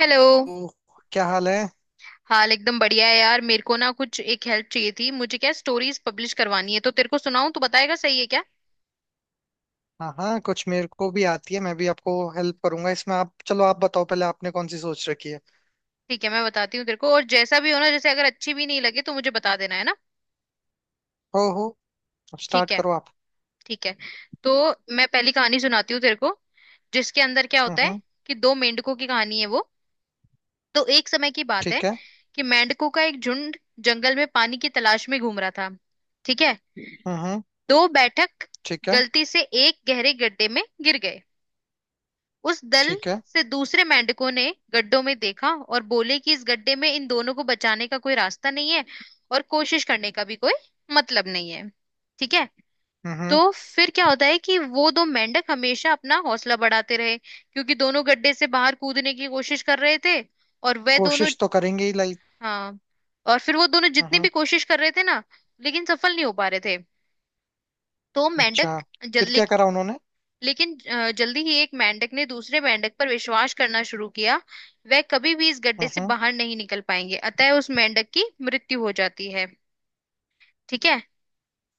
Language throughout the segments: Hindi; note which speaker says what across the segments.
Speaker 1: हेलो।
Speaker 2: तो क्या हाल है।
Speaker 1: हाल एकदम बढ़िया है यार। मेरे को ना कुछ एक हेल्प चाहिए थी। मुझे क्या स्टोरीज पब्लिश करवानी है, तो तेरे को सुनाऊं, तू बताएगा सही है क्या?
Speaker 2: हाँ हाँ, कुछ मेरे को भी आती है, मैं भी आपको हेल्प करूंगा इसमें। आप चलो, आप बताओ पहले आपने कौन सी सोच रखी है।
Speaker 1: ठीक है, मैं बताती हूँ तेरे को, और जैसा भी हो ना, जैसे अगर अच्छी भी नहीं लगे तो मुझे बता देना, है ना?
Speaker 2: हो हो। अब
Speaker 1: ठीक
Speaker 2: स्टार्ट
Speaker 1: है।
Speaker 2: करो आप।
Speaker 1: ठीक है। तो मैं पहली कहानी सुनाती हूँ तेरे को, जिसके अंदर क्या होता है
Speaker 2: हम्म।
Speaker 1: कि दो मेंढकों की कहानी है वो। तो एक समय की बात है
Speaker 2: ठीक है।
Speaker 1: कि मेंढकों का एक झुंड जंगल में पानी की तलाश में घूम रहा था। ठीक है।
Speaker 2: हम्म।
Speaker 1: दो बैठक
Speaker 2: ठीक है।
Speaker 1: गलती से एक गहरे गड्ढे में गिर गए। उस दल
Speaker 2: ठीक है।
Speaker 1: से दूसरे मेंढकों ने गड्ढों में देखा और बोले कि इस गड्ढे में इन दोनों को बचाने का कोई रास्ता नहीं है, और कोशिश करने का भी कोई मतलब नहीं है। ठीक है।
Speaker 2: हम्म।
Speaker 1: तो फिर क्या होता है कि वो दो मेंढक हमेशा अपना हौसला बढ़ाते रहे क्योंकि दोनों गड्ढे से बाहर कूदने की कोशिश कर रहे थे। और वह दोनों
Speaker 2: कोशिश तो करेंगे ही लाइक।
Speaker 1: हाँ, और फिर वो दोनों जितनी भी
Speaker 2: हम्म।
Speaker 1: कोशिश कर रहे थे ना, लेकिन सफल नहीं हो पा रहे थे। तो
Speaker 2: अच्छा,
Speaker 1: मेंढक
Speaker 2: फिर
Speaker 1: जल्दी
Speaker 2: क्या करा उन्होंने।
Speaker 1: जल्दी ही एक मेंढक ने दूसरे मेंढक पर विश्वास करना शुरू किया, वह कभी भी इस गड्ढे से
Speaker 2: हम्म।
Speaker 1: बाहर नहीं निकल पाएंगे, अतः उस मेंढक की मृत्यु हो जाती है। ठीक है।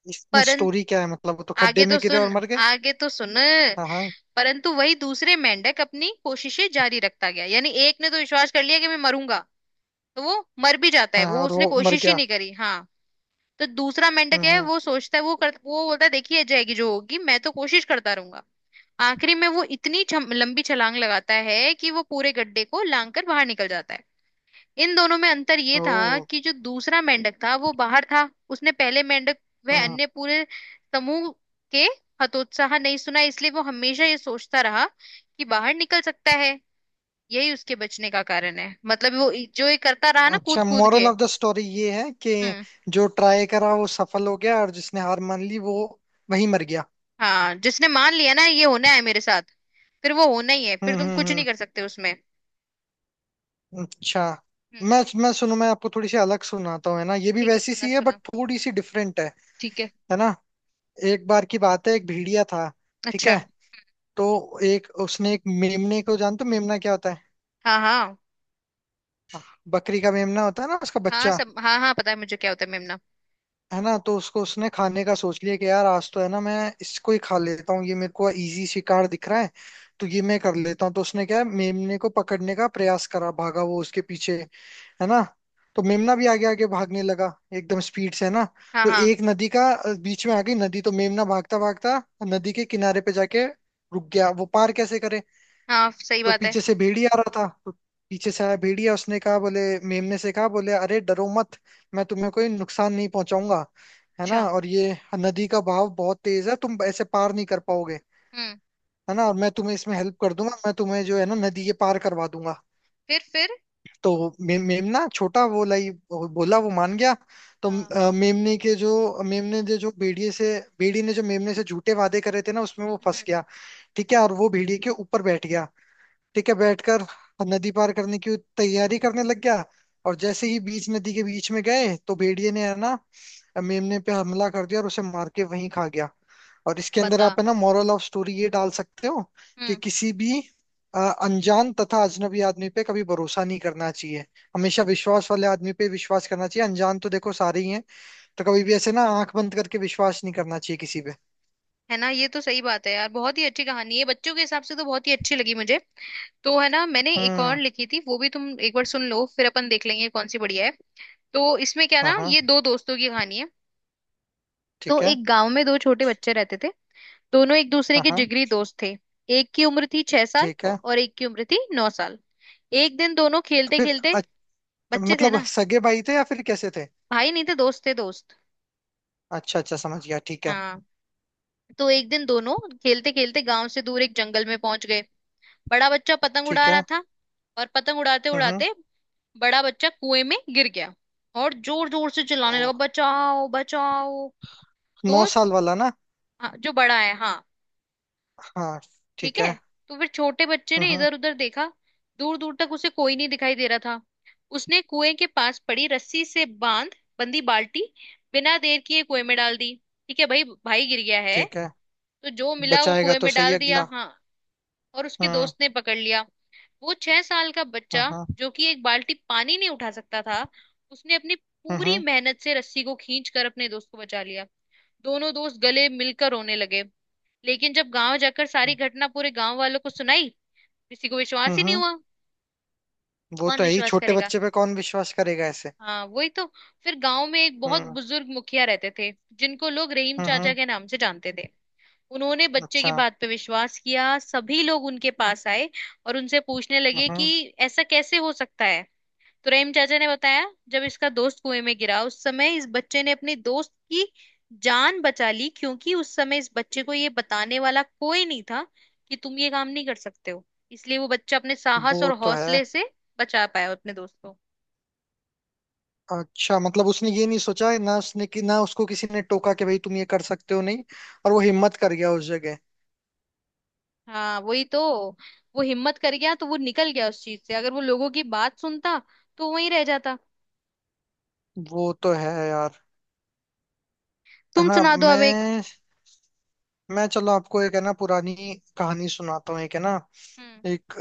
Speaker 2: इसमें
Speaker 1: परं
Speaker 2: स्टोरी क्या है, मतलब वो तो
Speaker 1: आगे
Speaker 2: खड्डे में
Speaker 1: तो
Speaker 2: गिरे और
Speaker 1: सुन,
Speaker 2: मर गए।
Speaker 1: आगे तो सुन।
Speaker 2: हाँ हाँ।
Speaker 1: परंतु वही दूसरे मेंढक अपनी कोशिशें जारी रखता गया, यानी एक ने तो विश्वास कर लिया कि मैं मरूंगा, तो वो मर भी जाता है,
Speaker 2: हाँ हाँ,
Speaker 1: वो
Speaker 2: और
Speaker 1: उसने
Speaker 2: वो मर
Speaker 1: कोशिश ही
Speaker 2: गया।
Speaker 1: नहीं करी। हाँ। तो दूसरा मेंढक है,
Speaker 2: हम्म।
Speaker 1: वो सोचता है वो बोलता है देखिए जाएगी जो होगी, मैं तो कोशिश करता रहूंगा। आखिरी में वो इतनी लंबी छलांग लगाता है कि वो पूरे गड्ढे को लांग कर बाहर निकल जाता है। इन दोनों में अंतर ये था कि जो दूसरा मेंढक था वो बाहर था, उसने पहले मेंढक
Speaker 2: ओ,
Speaker 1: वह अन्य पूरे समूह के हतोत्साह नहीं सुना, इसलिए वो हमेशा ये सोचता रहा कि बाहर निकल सकता है। यही उसके बचने का कारण है, मतलब वो जो ये करता रहा ना, कूद
Speaker 2: अच्छा
Speaker 1: कूद
Speaker 2: मोरल
Speaker 1: के।
Speaker 2: ऑफ द स्टोरी ये है कि
Speaker 1: हम्म।
Speaker 2: जो ट्राई करा वो सफल हो गया, और जिसने हार मान ली वो वहीं मर गया।
Speaker 1: हाँ, जिसने मान लिया ना ये होना है मेरे साथ, फिर वो होना ही है, फिर तुम कुछ नहीं कर
Speaker 2: हम्म।
Speaker 1: सकते उसमें।
Speaker 2: हम्म, अच्छा।
Speaker 1: हम्म।
Speaker 2: मैं सुनू, मैं आपको थोड़ी सी अलग सुनाता हूँ है ना। ये भी
Speaker 1: ठीक है,
Speaker 2: वैसी
Speaker 1: सुना
Speaker 2: सी है बट
Speaker 1: सुना।
Speaker 2: थोड़ी सी डिफरेंट है
Speaker 1: ठीक है।
Speaker 2: है ना। एक बार की बात है, एक भेड़िया था। ठीक
Speaker 1: अच्छा।
Speaker 2: है। तो एक उसने एक मेमने को, जानते हो मेमना क्या होता है।
Speaker 1: हाँ हाँ
Speaker 2: बकरी का मेमना होता है ना, उसका
Speaker 1: हाँ
Speaker 2: बच्चा।
Speaker 1: सब हाँ हाँ, पता है मुझे क्या होता है मेमना।
Speaker 2: है ना, तो उसको उसने खाने का सोच लिया कि यार आज तो है ना, मैं इसको ही खा लेता हूँ, ये मेरे को इजी शिकार दिख रहा है। तो ये मैं कर लेता हूँ। तो उसने क्या है, मेमने को पकड़ने का प्रयास करा, भागा वो उसके पीछे, है ना। तो मेमना भी आगे आगे भागने लगा एकदम स्पीड से, है ना।
Speaker 1: हाँ
Speaker 2: तो
Speaker 1: हाँ
Speaker 2: एक नदी का बीच में आ गई नदी। तो मेमना भागता भागता नदी के किनारे पे जाके रुक गया, वो पार कैसे करे।
Speaker 1: हाँ सही
Speaker 2: तो
Speaker 1: बात है।
Speaker 2: पीछे से भेड़िया आ रहा था। तो पीछे से आया भेड़िया, उसने कहा, बोले, मेमने से कहा, बोले अरे डरो मत, मैं तुम्हें कोई नुकसान नहीं पहुंचाऊंगा। है ना,
Speaker 1: अच्छा।
Speaker 2: और ये नदी का बहाव बहुत तेज है, तुम ऐसे पार नहीं कर पाओगे।
Speaker 1: हम्म।
Speaker 2: है ना, और मैं तुम्हें इसमें हेल्प कर दूंगा, मैं तुम्हें जो है ना नदी ये पार करवा दूंगा।
Speaker 1: फिर।
Speaker 2: तो मेमना छोटा, वो लाई, वो बोला, वो मान गया। तो
Speaker 1: हाँ।
Speaker 2: मेमने के जो, मेमने ने जो भेड़िए से, भेड़ी ने जो मेमने से झूठे वादे करे थे ना, उसमें वो फंस
Speaker 1: हम्म।
Speaker 2: गया। ठीक है, और वो भेड़िए के ऊपर बैठ गया। ठीक है, बैठकर नदी पार करने की तैयारी करने लग गया। और जैसे ही बीच नदी के बीच में गए तो भेड़िए ने है ना मेमने पे हमला कर दिया और उसे मार के वहीं खा गया। और इसके अंदर
Speaker 1: बता।
Speaker 2: आप है ना मॉरल ऑफ स्टोरी ये डाल सकते हो कि
Speaker 1: हम्म।
Speaker 2: किसी भी अनजान तथा अजनबी आदमी पे कभी भरोसा नहीं करना चाहिए। हमेशा विश्वास वाले आदमी पे विश्वास करना चाहिए, अनजान तो देखो सारे ही हैं। तो कभी भी ऐसे ना आंख बंद करके विश्वास नहीं करना चाहिए किसी पे।
Speaker 1: है ना, ये तो सही बात है यार, बहुत ही अच्छी कहानी है, बच्चों के हिसाब से तो बहुत ही अच्छी लगी मुझे। तो है ना, मैंने एक और
Speaker 2: हम्म।
Speaker 1: लिखी थी, वो भी तुम एक बार सुन लो, फिर अपन देख लेंगे कौन सी बढ़िया है। तो इसमें क्या
Speaker 2: हाँ
Speaker 1: ना,
Speaker 2: हाँ।
Speaker 1: ये दो दोस्तों की कहानी है। तो
Speaker 2: ठीक है।
Speaker 1: एक गांव में दो छोटे बच्चे रहते थे, दोनों एक दूसरे
Speaker 2: हाँ
Speaker 1: के
Speaker 2: हाँ।
Speaker 1: जिगरी दोस्त थे। एक की उम्र थी छह साल
Speaker 2: ठीक है।
Speaker 1: और एक की उम्र थी नौ साल। एक दिन दोनों
Speaker 2: तो
Speaker 1: खेलते
Speaker 2: फिर
Speaker 1: खेलते बच्चे थे
Speaker 2: मतलब
Speaker 1: ना।
Speaker 2: सगे भाई थे या फिर कैसे थे।
Speaker 1: भाई नहीं थे, दोस्त थे दोस्त।
Speaker 2: अच्छा अच्छा, समझ गया, ठीक है।
Speaker 1: हाँ। तो एक दिन दोनों खेलते खेलते गांव से दूर एक जंगल में पहुंच गए। बड़ा बच्चा पतंग
Speaker 2: ठीक
Speaker 1: उड़ा रहा
Speaker 2: है।
Speaker 1: था, और पतंग उड़ाते
Speaker 2: हम्म।
Speaker 1: उड़ाते बड़ा बच्चा कुएं में गिर गया, और जोर जोर से चिल्लाने लगा,
Speaker 2: ओ,
Speaker 1: बचाओ बचाओ।
Speaker 2: नौ
Speaker 1: तो
Speaker 2: साल वाला ना।
Speaker 1: हाँ, जो बड़ा है हाँ।
Speaker 2: हाँ।
Speaker 1: ठीक
Speaker 2: ठीक
Speaker 1: है।
Speaker 2: है।
Speaker 1: तो फिर छोटे बच्चे ने
Speaker 2: हम्म।
Speaker 1: इधर उधर देखा, दूर दूर तक उसे कोई नहीं दिखाई दे रहा था। उसने कुएं के पास पड़ी रस्सी से बांध बंदी बाल्टी बिना देर किए कुएं में डाल दी। ठीक है, भाई भाई गिर गया है,
Speaker 2: ठीक है।
Speaker 1: तो जो मिला वो
Speaker 2: बचाएगा
Speaker 1: कुएं
Speaker 2: तो
Speaker 1: में
Speaker 2: सही
Speaker 1: डाल दिया।
Speaker 2: अगला।
Speaker 1: हाँ। और उसके
Speaker 2: हम्म।
Speaker 1: दोस्त ने पकड़ लिया। वो छह साल का बच्चा
Speaker 2: हम्म।
Speaker 1: जो कि एक बाल्टी पानी नहीं उठा सकता था, उसने अपनी पूरी
Speaker 2: हम्म
Speaker 1: मेहनत से रस्सी को खींच कर अपने दोस्त को बचा लिया। दोनों दोस्त गले मिलकर रोने लगे, लेकिन जब गांव जाकर सारी घटना पूरे गांव वालों को सुनाई, किसी को विश्वास ही नहीं
Speaker 2: हम्म।
Speaker 1: हुआ।
Speaker 2: वो
Speaker 1: कौन
Speaker 2: तो है ही,
Speaker 1: विश्वास
Speaker 2: छोटे
Speaker 1: करेगा,
Speaker 2: बच्चे पे कौन विश्वास करेगा ऐसे।
Speaker 1: हाँ वही तो। फिर गांव में एक बहुत
Speaker 2: हम्म
Speaker 1: बुजुर्ग मुखिया रहते थे, जिनको लोग रहीम चाचा
Speaker 2: हम्म,
Speaker 1: के नाम से जानते थे। उन्होंने बच्चे की
Speaker 2: अच्छा।
Speaker 1: बात पे विश्वास किया, सभी लोग उनके पास आए और उनसे पूछने लगे कि
Speaker 2: हम्म।
Speaker 1: ऐसा कैसे हो सकता है। तो रहीम चाचा ने बताया, जब इसका दोस्त कुएं में गिरा उस समय इस बच्चे ने अपने दोस्त की जान बचा ली, क्योंकि उस समय इस बच्चे को ये बताने वाला कोई नहीं था कि तुम ये काम नहीं कर सकते हो, इसलिए वो बच्चा अपने साहस
Speaker 2: वो
Speaker 1: और
Speaker 2: तो है।
Speaker 1: हौसले से बचा पाया अपने दोस्त को।
Speaker 2: अच्छा, मतलब उसने ये नहीं सोचा, है ना उसने, कि ना उसको किसी ने टोका कि भाई तुम ये कर सकते हो नहीं, और वो हिम्मत कर गया उस जगह।
Speaker 1: हाँ वही तो, वो हिम्मत कर गया तो वो निकल गया उस चीज से, अगर वो लोगों की बात सुनता तो वहीं रह जाता।
Speaker 2: वो तो है यार। है
Speaker 1: तुम
Speaker 2: ना।
Speaker 1: सुना दो अब एक।
Speaker 2: मैं मैं चलो आपको एक है ना पुरानी कहानी सुनाता हूँ, एक है ना।
Speaker 1: हम्म।
Speaker 2: एक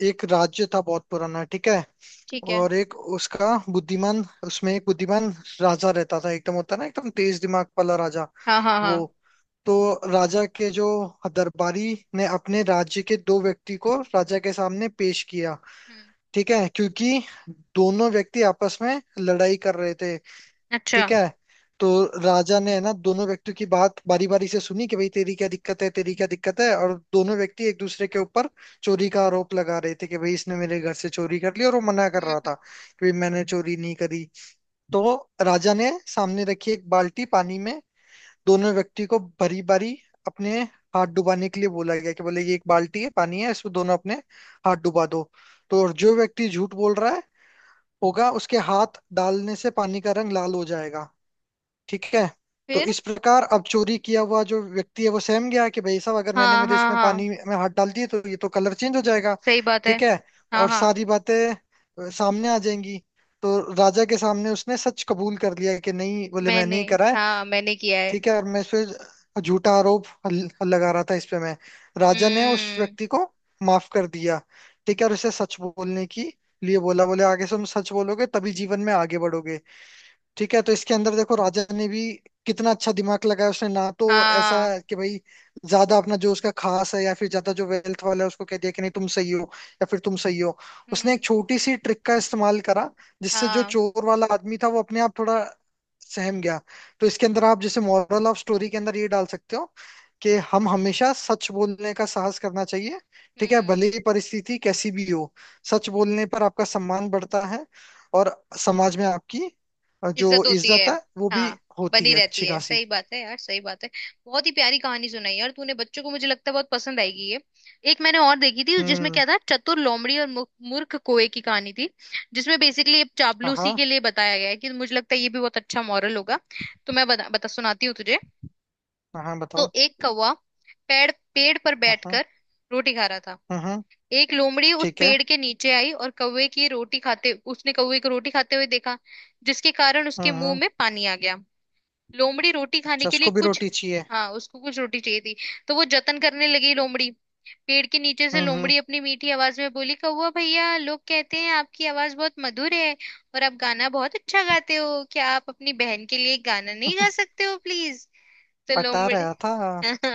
Speaker 2: एक राज्य था बहुत पुराना, ठीक है।
Speaker 1: ठीक है।
Speaker 2: और एक उसका बुद्धिमान, उसमें एक बुद्धिमान राजा रहता था, एकदम होता है ना एकदम तेज दिमाग वाला राजा।
Speaker 1: हाँ हाँ हाँ।
Speaker 2: वो, तो राजा के जो दरबारी ने अपने राज्य के दो व्यक्ति को राजा के सामने पेश किया।
Speaker 1: हम्म।
Speaker 2: ठीक है, क्योंकि दोनों व्यक्ति आपस में लड़ाई कर रहे थे।
Speaker 1: अच्छा।
Speaker 2: ठीक है। तो राजा ने है ना दोनों व्यक्तियों की बात बारी बारी से सुनी कि भाई तेरी क्या दिक्कत है, तेरी क्या दिक्कत है। और दोनों व्यक्ति एक दूसरे के ऊपर चोरी का आरोप लगा रहे थे कि भाई इसने मेरे घर से चोरी कर ली, और वो मना कर रहा था
Speaker 1: हम्म।
Speaker 2: कि भाई मैंने चोरी नहीं करी। तो राजा ने सामने रखी एक बाल्टी पानी में दोनों व्यक्ति को बारी बारी अपने हाथ डुबाने के लिए बोला गया कि बोले ये एक बाल्टी है, पानी है, इसमें दोनों अपने हाथ डुबा दो। तो और जो व्यक्ति झूठ बोल रहा है होगा उसके हाथ डालने से पानी का रंग लाल हो जाएगा, ठीक है। तो
Speaker 1: फिर।
Speaker 2: इस प्रकार अब चोरी किया हुआ जो व्यक्ति है वो सहम गया कि भाई साहब अगर मैंने
Speaker 1: हाँ
Speaker 2: मेरे
Speaker 1: हाँ
Speaker 2: इसमें पानी
Speaker 1: हाँ
Speaker 2: में हाथ डाल दिए तो ये तो कलर चेंज हो जाएगा।
Speaker 1: सही बात है।
Speaker 2: ठीक है,
Speaker 1: हाँ
Speaker 2: और
Speaker 1: हाँ।
Speaker 2: सारी बातें सामने आ जाएंगी। तो राजा के सामने उसने सच कबूल कर लिया कि नहीं, बोले मैं
Speaker 1: मैंने
Speaker 2: नहीं करा है।
Speaker 1: हाँ मैंने किया है।
Speaker 2: ठीक है, और मैं इस पे झूठा आरोप लगा रहा था इस पे मैं। राजा ने उस
Speaker 1: हम्म।
Speaker 2: व्यक्ति को माफ कर दिया, ठीक है। और उसे सच बोलने की लिए बोला, बोले आगे से तुम सच बोलोगे तभी जीवन में आगे बढ़ोगे। ठीक है, तो इसके अंदर देखो राजा ने भी कितना अच्छा दिमाग लगाया उसने ना। तो ऐसा
Speaker 1: हाँ।
Speaker 2: कि भाई ज्यादा अपना जो उसका खास है या फिर ज्यादा जो वेल्थ वाला है उसको कह दिया कि नहीं तुम सही हो, या फिर तुम सही हो। उसने एक
Speaker 1: हम्म।
Speaker 2: छोटी सी ट्रिक का इस्तेमाल करा, जिससे जो
Speaker 1: हाँ।
Speaker 2: चोर वाला आदमी था वो अपने आप थोड़ा सहम गया। तो इसके अंदर आप जैसे मॉरल ऑफ स्टोरी के अंदर ये डाल सकते हो कि हम हमेशा सच बोलने का साहस करना चाहिए। ठीक है,
Speaker 1: हम्म।
Speaker 2: भले ही परिस्थिति कैसी भी हो। सच बोलने पर आपका सम्मान बढ़ता है, और समाज में आपकी, और जो
Speaker 1: इज्जत होती है।
Speaker 2: इज्जत है वो भी
Speaker 1: हाँ।
Speaker 2: होती
Speaker 1: बनी
Speaker 2: है,
Speaker 1: रहती
Speaker 2: अच्छी
Speaker 1: है,
Speaker 2: खासी।
Speaker 1: सही बात है यार, सही बात है। बहुत ही प्यारी कहानी सुनाई यार तूने, बच्चों को मुझे लगता है बहुत पसंद आएगी ये। एक मैंने और देखी थी, जिसमें
Speaker 2: हम्म।
Speaker 1: क्या था, चतुर लोमड़ी और मूर्ख कोए की कहानी थी, जिसमें बेसिकली चापलूसी
Speaker 2: हाँ,
Speaker 1: के लिए बताया गया है कि मुझे लगता है ये भी बहुत अच्छा मॉरल होगा। तो मैं बता सुनाती हूँ तुझे।
Speaker 2: हाँ
Speaker 1: तो
Speaker 2: बताओ।
Speaker 1: एक कौवा पेड़ पेड़ पर
Speaker 2: हाँ।
Speaker 1: बैठकर रोटी खा रहा था।
Speaker 2: हम्म।
Speaker 1: एक लोमड़ी उस
Speaker 2: ठीक है।
Speaker 1: पेड़ के नीचे आई और कौवे की रोटी खाते उसने कौवे को रोटी खाते हुए देखा, जिसके कारण उसके मुंह
Speaker 2: हम्म।
Speaker 1: में पानी आ गया। लोमड़ी रोटी खाने के लिए
Speaker 2: चस्को भी
Speaker 1: कुछ,
Speaker 2: रोटी चाहिए।
Speaker 1: हाँ उसको कुछ रोटी चाहिए थी, तो वो जतन करने लगी। लोमड़ी पेड़ के नीचे से
Speaker 2: हम्म।
Speaker 1: लोमड़ी अपनी मीठी आवाज में बोली, कौवा भैया लोग कहते हैं आपकी आवाज बहुत मधुर है, और आप गाना बहुत अच्छा गाते हो, क्या आप अपनी बहन के लिए गाना नहीं गा सकते हो प्लीज। तो
Speaker 2: पटा
Speaker 1: लोमड़ी
Speaker 2: रहा था।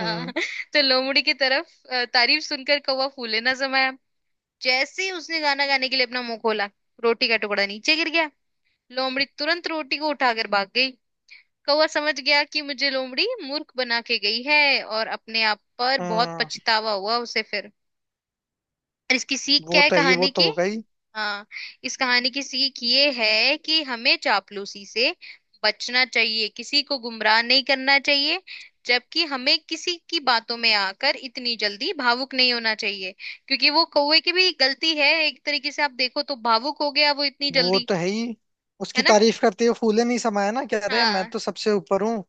Speaker 2: हम्म।
Speaker 1: तो लोमड़ी की तरफ तारीफ सुनकर कौवा फूले ना समाया। जैसे ही उसने गाना गाने के लिए अपना मुंह खोला, रोटी का टुकड़ा नीचे गिर गया, लोमड़ी तुरंत रोटी को उठाकर भाग गई। कौवा समझ गया कि मुझे लोमड़ी मूर्ख बना के गई है, और अपने आप पर बहुत
Speaker 2: हम्म।
Speaker 1: पछतावा हुआ उसे फिर। और इसकी सीख
Speaker 2: वो
Speaker 1: क्या है
Speaker 2: तो है ही, वो
Speaker 1: कहानी
Speaker 2: तो
Speaker 1: की।
Speaker 2: हो गई।
Speaker 1: हाँ। इस कहानी की सीख ये है कि हमें चापलूसी से बचना चाहिए, किसी को गुमराह नहीं करना चाहिए, जबकि हमें किसी की बातों में आकर इतनी जल्दी भावुक नहीं होना चाहिए। क्योंकि वो कौवे की भी गलती है एक तरीके से, आप देखो तो भावुक हो गया वो इतनी
Speaker 2: वो
Speaker 1: जल्दी।
Speaker 2: तो है ही,
Speaker 1: है
Speaker 2: उसकी
Speaker 1: ना।
Speaker 2: तारीफ करते हुए फूले नहीं समाया ना, कह रहे मैं
Speaker 1: हाँ।
Speaker 2: तो सबसे ऊपर हूँ।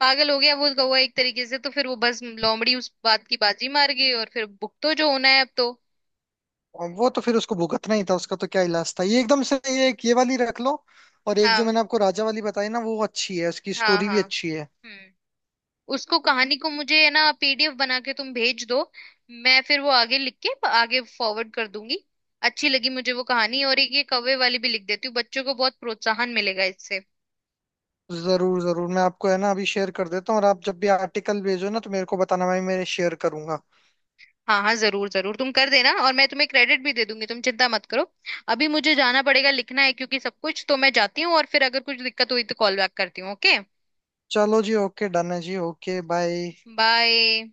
Speaker 1: पागल हो गया वो कौवा एक तरीके से, तो फिर वो बस लोमड़ी उस बात की बाजी मार गई, और फिर भुगतो जो होना है अब तो।
Speaker 2: और वो तो फिर उसको भुगतना ही था, उसका तो क्या इलाज था। ये एकदम से ये एक ये वाली रख लो, और एक जो
Speaker 1: हाँ
Speaker 2: मैंने आपको राजा वाली बताई ना वो अच्छी है, उसकी
Speaker 1: हाँ
Speaker 2: स्टोरी भी
Speaker 1: हाँ।
Speaker 2: अच्छी है।
Speaker 1: हम्म। उसको कहानी को मुझे है ना पीडीएफ बना के तुम भेज दो, मैं फिर वो आगे लिख के आगे फॉरवर्ड कर दूंगी। अच्छी लगी मुझे वो कहानी, और एक ये कौवे वाली भी लिख देती हूँ, बच्चों को बहुत प्रोत्साहन मिलेगा इससे।
Speaker 2: जरूर जरूर, मैं आपको है ना अभी शेयर कर देता हूँ, और आप जब भी आर्टिकल भेजो ना तो मेरे को बताना, मैं शेयर करूंगा।
Speaker 1: हाँ हाँ जरूर जरूर तुम कर देना, और मैं तुम्हें क्रेडिट भी दे दूंगी, तुम चिंता मत करो। अभी मुझे जाना पड़ेगा, लिखना है क्योंकि सब कुछ। तो मैं जाती हूँ, और फिर अगर कुछ दिक्कत हुई तो कॉल बैक करती हूँ, ओके।
Speaker 2: चलो जी, ओके डन है जी, ओके, बाय।
Speaker 1: बाय।